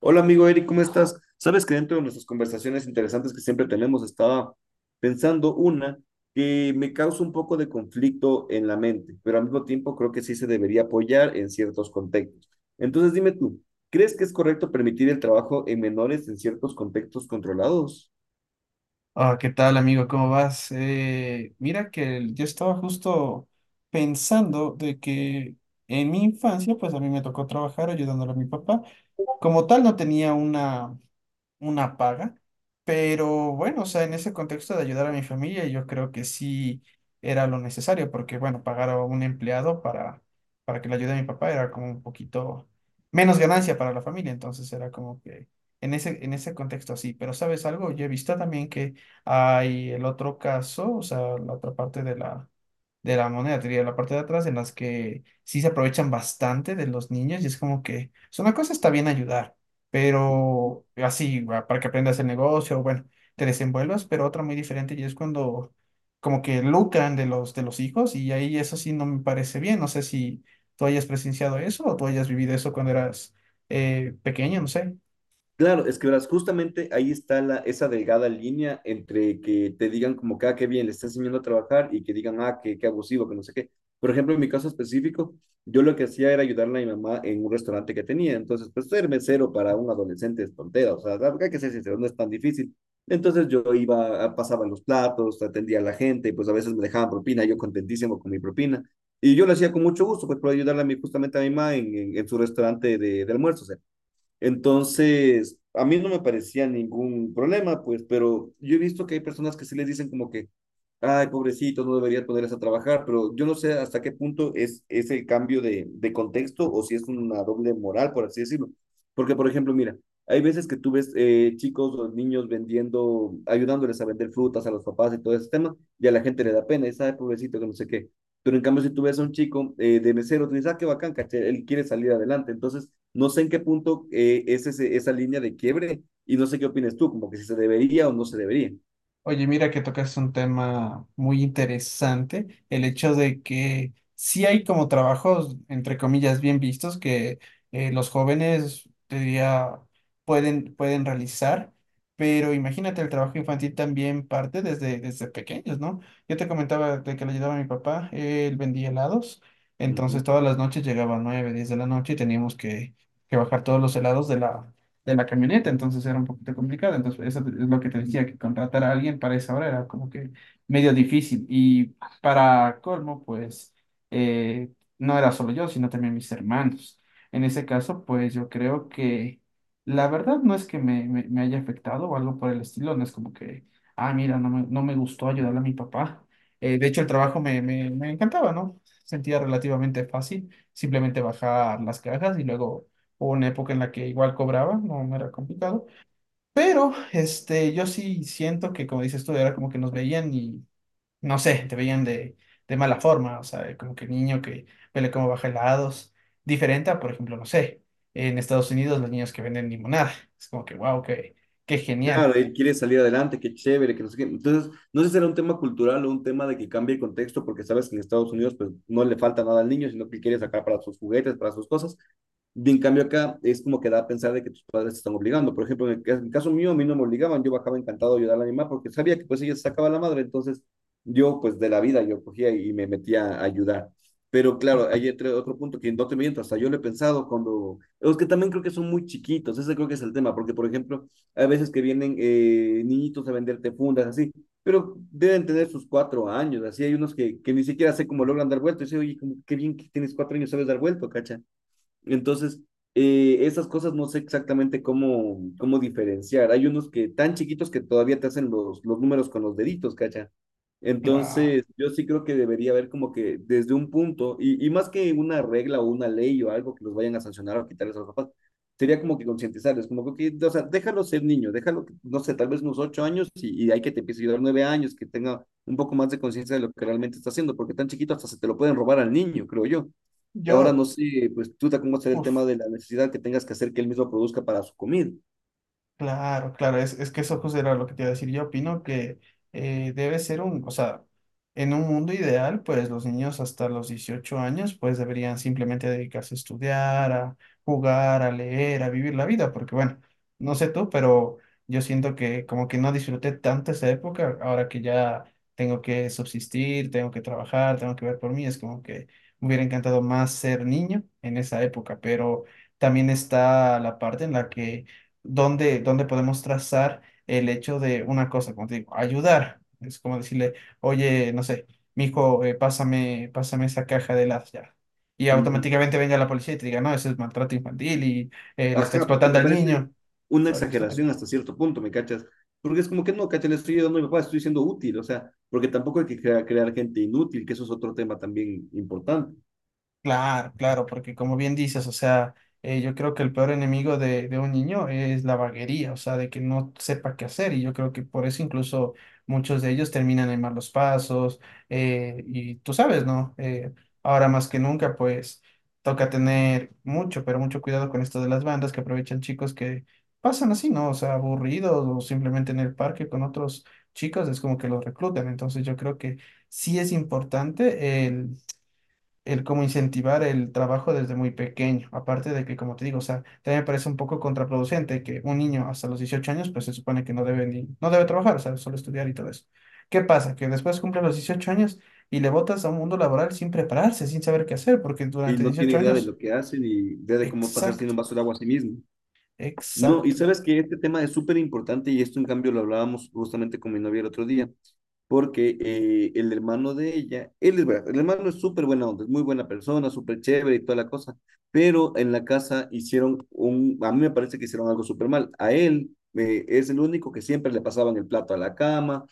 Hola amigo Eric, ¿cómo estás? Sabes que dentro de nuestras conversaciones interesantes que siempre tenemos, estaba pensando una que me causa un poco de conflicto en la mente, pero al mismo tiempo creo que sí se debería apoyar en ciertos contextos. Entonces dime tú, ¿crees que es correcto permitir el trabajo en menores en ciertos contextos controlados? Ah, ¿qué tal, amigo? ¿Cómo vas? Mira que yo estaba justo pensando de que en mi infancia, pues a mí me tocó trabajar ayudándole a mi papá. Como tal, no tenía una paga, pero bueno, o sea, en ese contexto de ayudar a mi familia, yo creo que sí era lo necesario, porque bueno, pagar a un empleado para que le ayude a mi papá era como un poquito menos ganancia para la familia, entonces era como que en ese contexto sí, pero ¿sabes algo? Yo he visto también que hay el otro caso, o sea, la otra parte de la moneda, te diría, la parte de atrás, en las que sí se aprovechan bastante de los niños y es como que, o sea, una cosa está bien ayudar, pero así, va, para que aprendas el negocio, bueno, te desenvuelvas, pero otra muy diferente y es cuando como que lucran de los hijos y ahí eso sí no me parece bien, no sé si tú hayas presenciado eso o tú hayas vivido eso cuando eras pequeño, no sé. Claro, es que verás, justamente ahí está esa delgada línea entre que te digan como que, ah, qué bien, le estás enseñando a trabajar y que digan, ah, qué abusivo, que no sé qué. Por ejemplo, en mi caso específico, yo lo que hacía era ayudarle a mi mamá en un restaurante que tenía. Entonces, pues ser mesero para un adolescente es tontera, o sea, hay que ser sincero, no es tan difícil. Entonces yo iba, pasaba los platos, atendía a la gente, y pues a veces me dejaban propina, yo contentísimo con mi propina. Y yo lo hacía con mucho gusto, pues por ayudarle justamente a mi mamá en su restaurante de almuerzos. Entonces, a mí no me parecía ningún problema, pues, pero yo he visto que hay personas que sí les dicen como que, ay, pobrecito, no deberías ponerse a trabajar, pero yo no sé hasta qué punto es el cambio de contexto o si es una doble moral, por así decirlo. Porque, por ejemplo, mira, hay veces que tú ves chicos o niños vendiendo, ayudándoles a vender frutas a los papás y todo ese tema, y a la gente le da pena, es, ay, pobrecito, que no sé qué. Pero en cambio, si tú ves a un chico de mesero, tú dices, ah, qué bacán, caché, él quiere salir adelante. Entonces, no sé en qué punto es esa línea de quiebre y no sé qué opinas tú, como que si se debería o no se debería. Oye, mira que tocas un tema muy interesante, el hecho de que sí hay como trabajos, entre comillas, bien vistos que los jóvenes, te diría, pueden realizar, pero imagínate, el trabajo infantil también parte desde pequeños, ¿no? Yo te comentaba de que le ayudaba a mi papá, él vendía helados, entonces Ujú. todas las noches llegaba a 9-10 de la noche y teníamos que bajar todos los helados de la camioneta, entonces era un poquito complicado. Entonces, eso es lo que te decía, que contratar a alguien para esa hora era como que medio difícil. Y para colmo, pues eh, no era solo yo, sino también mis hermanos. En ese caso, pues yo creo que la verdad no es que me haya afectado o algo por el estilo, no es como que, ah, mira, no me gustó ayudarle a mi papá. De hecho, el trabajo me encantaba, ¿no? Sentía relativamente fácil simplemente bajar las cajas y luego hubo una época en la que igual cobraba, no, no era complicado. Pero este, yo sí siento que, como dices tú, era como que nos veían y, no sé, te veían de mala forma, o sea, como que niño que vele cómo baja helados, diferente a, por ejemplo, no sé, en Estados Unidos los niños que venden limonada, es como que, wow, qué genial. Claro, él quiere salir adelante, qué chévere, que no sé qué. Entonces, no sé si será un tema cultural o un tema de que cambie el contexto, porque sabes que en Estados Unidos pues no le falta nada al niño, sino que quiere sacar para sus juguetes, para sus cosas, bien, en cambio acá es como que da a pensar de que tus padres te están obligando. Por ejemplo, en el caso mío, a mí no me obligaban, yo bajaba encantado a ayudar a mi mamá porque sabía que pues ella se sacaba la madre, entonces yo pues de la vida yo cogía y me metía a ayudar. Pero claro, hay otro punto que no te miento, hasta yo lo he pensado cuando. Es que también creo que son muy chiquitos, ese creo que es el tema, porque por ejemplo, hay veces que vienen niñitos a venderte fundas, así, pero deben tener sus 4 años, así hay unos que ni siquiera sé cómo logran dar vuelto, y dice, oye, como, qué bien que tienes 4 años, sabes dar vuelto, cacha entonces, esas cosas no sé exactamente cómo diferenciar. Hay unos que tan chiquitos que todavía te hacen los números con los deditos, ¿cacha? Claro. Entonces, yo sí creo que debería haber como que desde un punto, y más que una regla o una ley o algo que los vayan a sancionar o quitarles a los papás, sería como que concientizarles, como que, ok, o sea, déjalo ser niño, déjalo, que, no sé, tal vez unos 8 años y hay que te empiece a ayudar 9 años, que tenga un poco más de conciencia de lo que realmente está haciendo, porque tan chiquito hasta se te lo pueden robar al niño, creo yo. Ahora Yo, no sé, pues tú te cómo será el tema Uff. de la necesidad que tengas que hacer que él mismo produzca para su comida. Claro, claro, es que eso justo era lo que te iba a decir. Yo opino que debe ser o sea, en un mundo ideal, pues los niños hasta los 18 años, pues deberían simplemente dedicarse a estudiar, a jugar, a leer, a vivir la vida, porque bueno, no sé tú, pero yo siento que como que no disfruté tanto esa época, ahora que ya tengo que subsistir, tengo que trabajar, tengo que ver por mí, es como que me hubiera encantado más ser niño en esa época, pero también está la parte en la que dónde podemos trazar el hecho de una cosa, como te digo, ayudar. Es como decirle, oye, no sé, mijo, pásame esa caja de las ya. Y Ujú. automáticamente venga la policía y te diga, no, ese es maltrato infantil y le está Ajá, porque explotando me al parece niño. Es una algo estúpido. exageración hasta cierto punto, ¿me cachas? Porque es como que no, cacha, le estoy ayudando a mi papá, estoy siendo útil, o sea, porque tampoco hay que crear gente inútil, que eso es otro tema también importante. Claro, claro, porque como bien dices, o sea, yo creo que el peor enemigo de un niño es la vaguería, o sea, de que no sepa qué hacer, y yo creo que por eso incluso muchos de ellos terminan en malos pasos, y tú sabes, ¿no? Ahora más que nunca, pues toca tener mucho, pero mucho cuidado con esto de las bandas que aprovechan chicos que pasan así, ¿no? O sea, aburridos o simplemente en el parque con otros chicos, es como que los reclutan, entonces yo creo que sí es importante el como incentivar el trabajo desde muy pequeño. Aparte de que, como te digo, o sea, también me parece un poco contraproducente que un niño hasta los 18 años, pues se supone que no debe ni, no debe trabajar, o sea, solo estudiar y todo eso. ¿Qué pasa? Que después cumple los 18 años y le botas a un mundo laboral sin prepararse, sin saber qué hacer, porque Y durante no tiene 18 idea de años, lo que hace ni idea de cómo pasar sin exacto, un vaso de agua a sí mismo. No, y exacto. sabes que este tema es súper importante y esto en cambio lo hablábamos justamente con mi novia el otro día. Porque el hermano de ella, él es verdad, el hermano es súper buena onda, es muy buena persona, súper chévere y toda la cosa, pero en la casa a mí me parece que hicieron algo súper mal. A él es el único que siempre le pasaban el plato a la cama,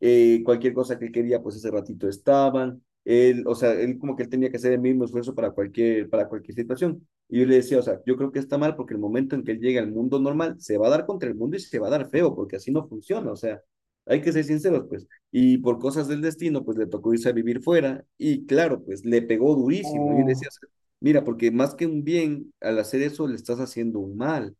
cualquier cosa que quería, pues ese ratito estaban. Él, o sea, él como que él tenía que hacer el mismo esfuerzo para cualquier situación. Y yo le decía, o sea, yo creo que está mal porque el momento en que él llegue al mundo normal, se va a dar contra el mundo y se va a dar feo, porque así no funciona. O sea, hay que ser sinceros, pues. Y por cosas del destino, pues le tocó irse a vivir fuera y claro, pues le pegó durísimo. Yo le decía, Oh, mira, porque más que un bien, al hacer eso le estás haciendo un mal,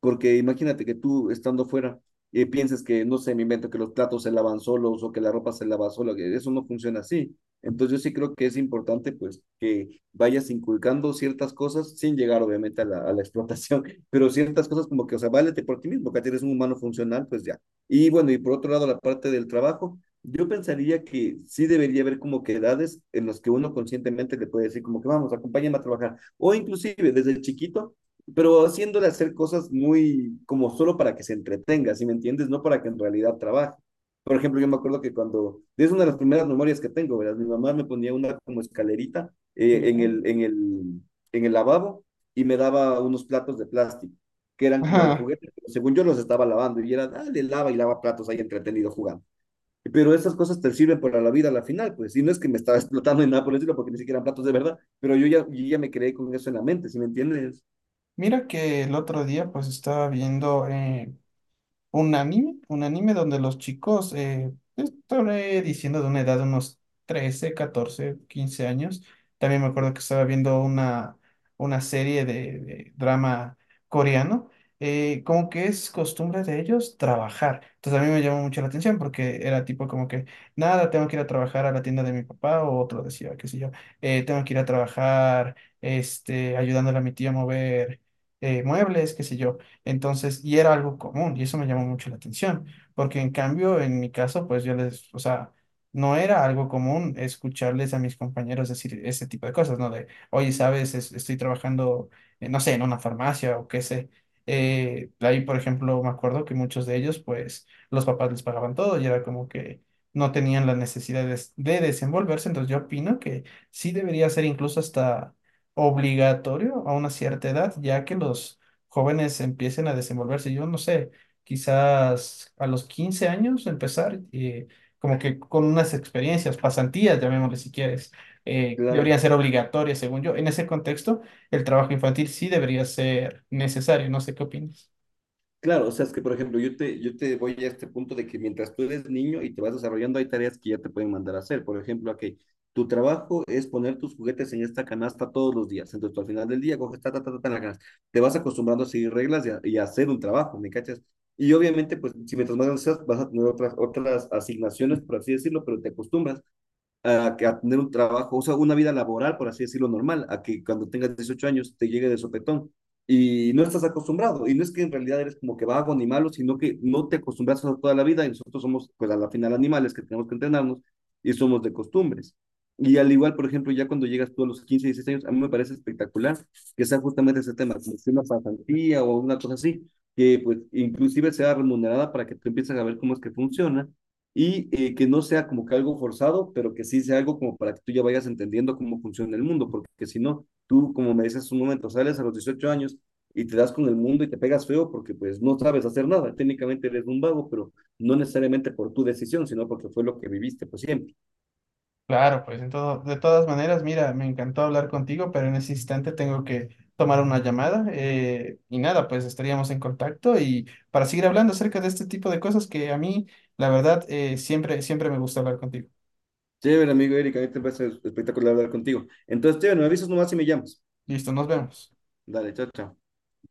porque imagínate que tú estando fuera pienses que, no sé, me invento que los platos se lavan solos o que la ropa se lava sola, que eso no funciona así. Entonces yo sí creo que es importante pues que vayas inculcando ciertas cosas sin llegar obviamente a la explotación, pero ciertas cosas como que, o sea, válete por ti mismo, que eres un humano funcional, pues ya. Y bueno, y por otro lado la parte del trabajo yo pensaría que sí debería haber como que edades en las que uno conscientemente le puede decir como que vamos, acompáñame a trabajar. O inclusive desde chiquito, pero haciéndole hacer cosas muy como solo para que se entretenga, ¿sí me entiendes? No para que en realidad trabaje. Por ejemplo, yo me acuerdo que cuando, es una de las primeras memorias que tengo, ¿verdad? Mi mamá me ponía una como escalerita en ya. el, en el, en el lavabo y me daba unos platos de plástico que eran como de Ajá. juguete, pero según yo los estaba lavando y era, dale, lava y lava platos ahí entretenido jugando. Pero esas cosas te sirven para la vida a la final, pues. Y no es que me estaba explotando en nada por el estilo, porque ni siquiera eran platos de verdad, pero yo ya me creé con eso en la mente, ¿sí me entiendes? Mira que el otro día pues estaba viendo un anime donde los chicos, estaré diciendo de una edad de unos 13, 14, 15 años. También me acuerdo que estaba viendo una serie de drama coreano. Como que es costumbre de ellos trabajar. Entonces a mí me llamó mucho la atención porque era tipo como que, nada, tengo que ir a trabajar a la tienda de mi papá o otro decía, qué sé yo, tengo que ir a trabajar, este, ayudándole a mi tía a mover muebles, qué sé yo. Entonces, y era algo común, y eso me llamó mucho la atención, porque en cambio, en mi caso, pues yo les, o sea, no era algo común escucharles a mis compañeros decir ese tipo de cosas, ¿no? De, oye, sabes, estoy trabajando, no sé, en una farmacia o qué sé. Ahí, por ejemplo, me acuerdo que muchos de ellos, pues, los papás les pagaban todo y era como que no tenían la necesidad de desenvolverse, entonces yo opino que sí debería ser incluso hasta obligatorio a una cierta edad, ya que los jóvenes empiecen a desenvolverse. Yo no sé, quizás a los 15 años empezar, como que con unas experiencias, pasantías, llamémosle si quieres, Claro, deberían ser obligatorias, según yo. En ese contexto, el trabajo infantil sí debería ser necesario. No sé qué opinas. claro. O sea, es que, por ejemplo, yo te voy a este punto de que mientras tú eres niño y te vas desarrollando, hay tareas que ya te pueden mandar a hacer. Por ejemplo, aquí, tu trabajo es poner tus juguetes en esta canasta todos los días. Entonces, tú al final del día coges ta, ta, ta, ta, ta en la canasta. Te vas acostumbrando a seguir reglas y a hacer un trabajo, ¿me cachas? Y obviamente, pues, si mientras más grande vas a tener otras asignaciones, por así decirlo, pero te acostumbras que a tener un trabajo, o sea, una vida laboral, por así decirlo, normal, a que cuando tengas 18 años te llegue de sopetón y no estás acostumbrado. Y no es que en realidad eres como que vago ni malo, sino que no te acostumbras a toda la vida y nosotros somos, pues a la final, animales que tenemos que entrenarnos y somos de costumbres. Y al igual, por ejemplo, ya cuando llegas tú a los 15 16 años, a mí me parece espectacular que sea justamente ese tema, como si una pasantía o una cosa así, que pues inclusive sea remunerada para que tú empieces a ver cómo es que funciona y que no sea como que algo forzado, pero que sí sea algo como para que tú ya vayas entendiendo cómo funciona el mundo, porque si no, tú, como me dices un momento, sales a los 18 años y te das con el mundo y te pegas feo porque pues no sabes hacer nada, técnicamente eres un vago, pero no necesariamente por tu decisión, sino porque fue lo que viviste pues siempre. Claro, pues de todas maneras, mira, me encantó hablar contigo, pero en ese instante tengo que tomar una llamada y nada, pues estaríamos en contacto y para seguir hablando acerca de este tipo de cosas que a mí, la verdad, siempre, siempre me gusta hablar contigo. Chévere, amigo Erika, a mí te parece espectacular hablar contigo. Entonces, chévere, me avisas nomás si me llamas. Listo, nos vemos. Dale, chao, chao.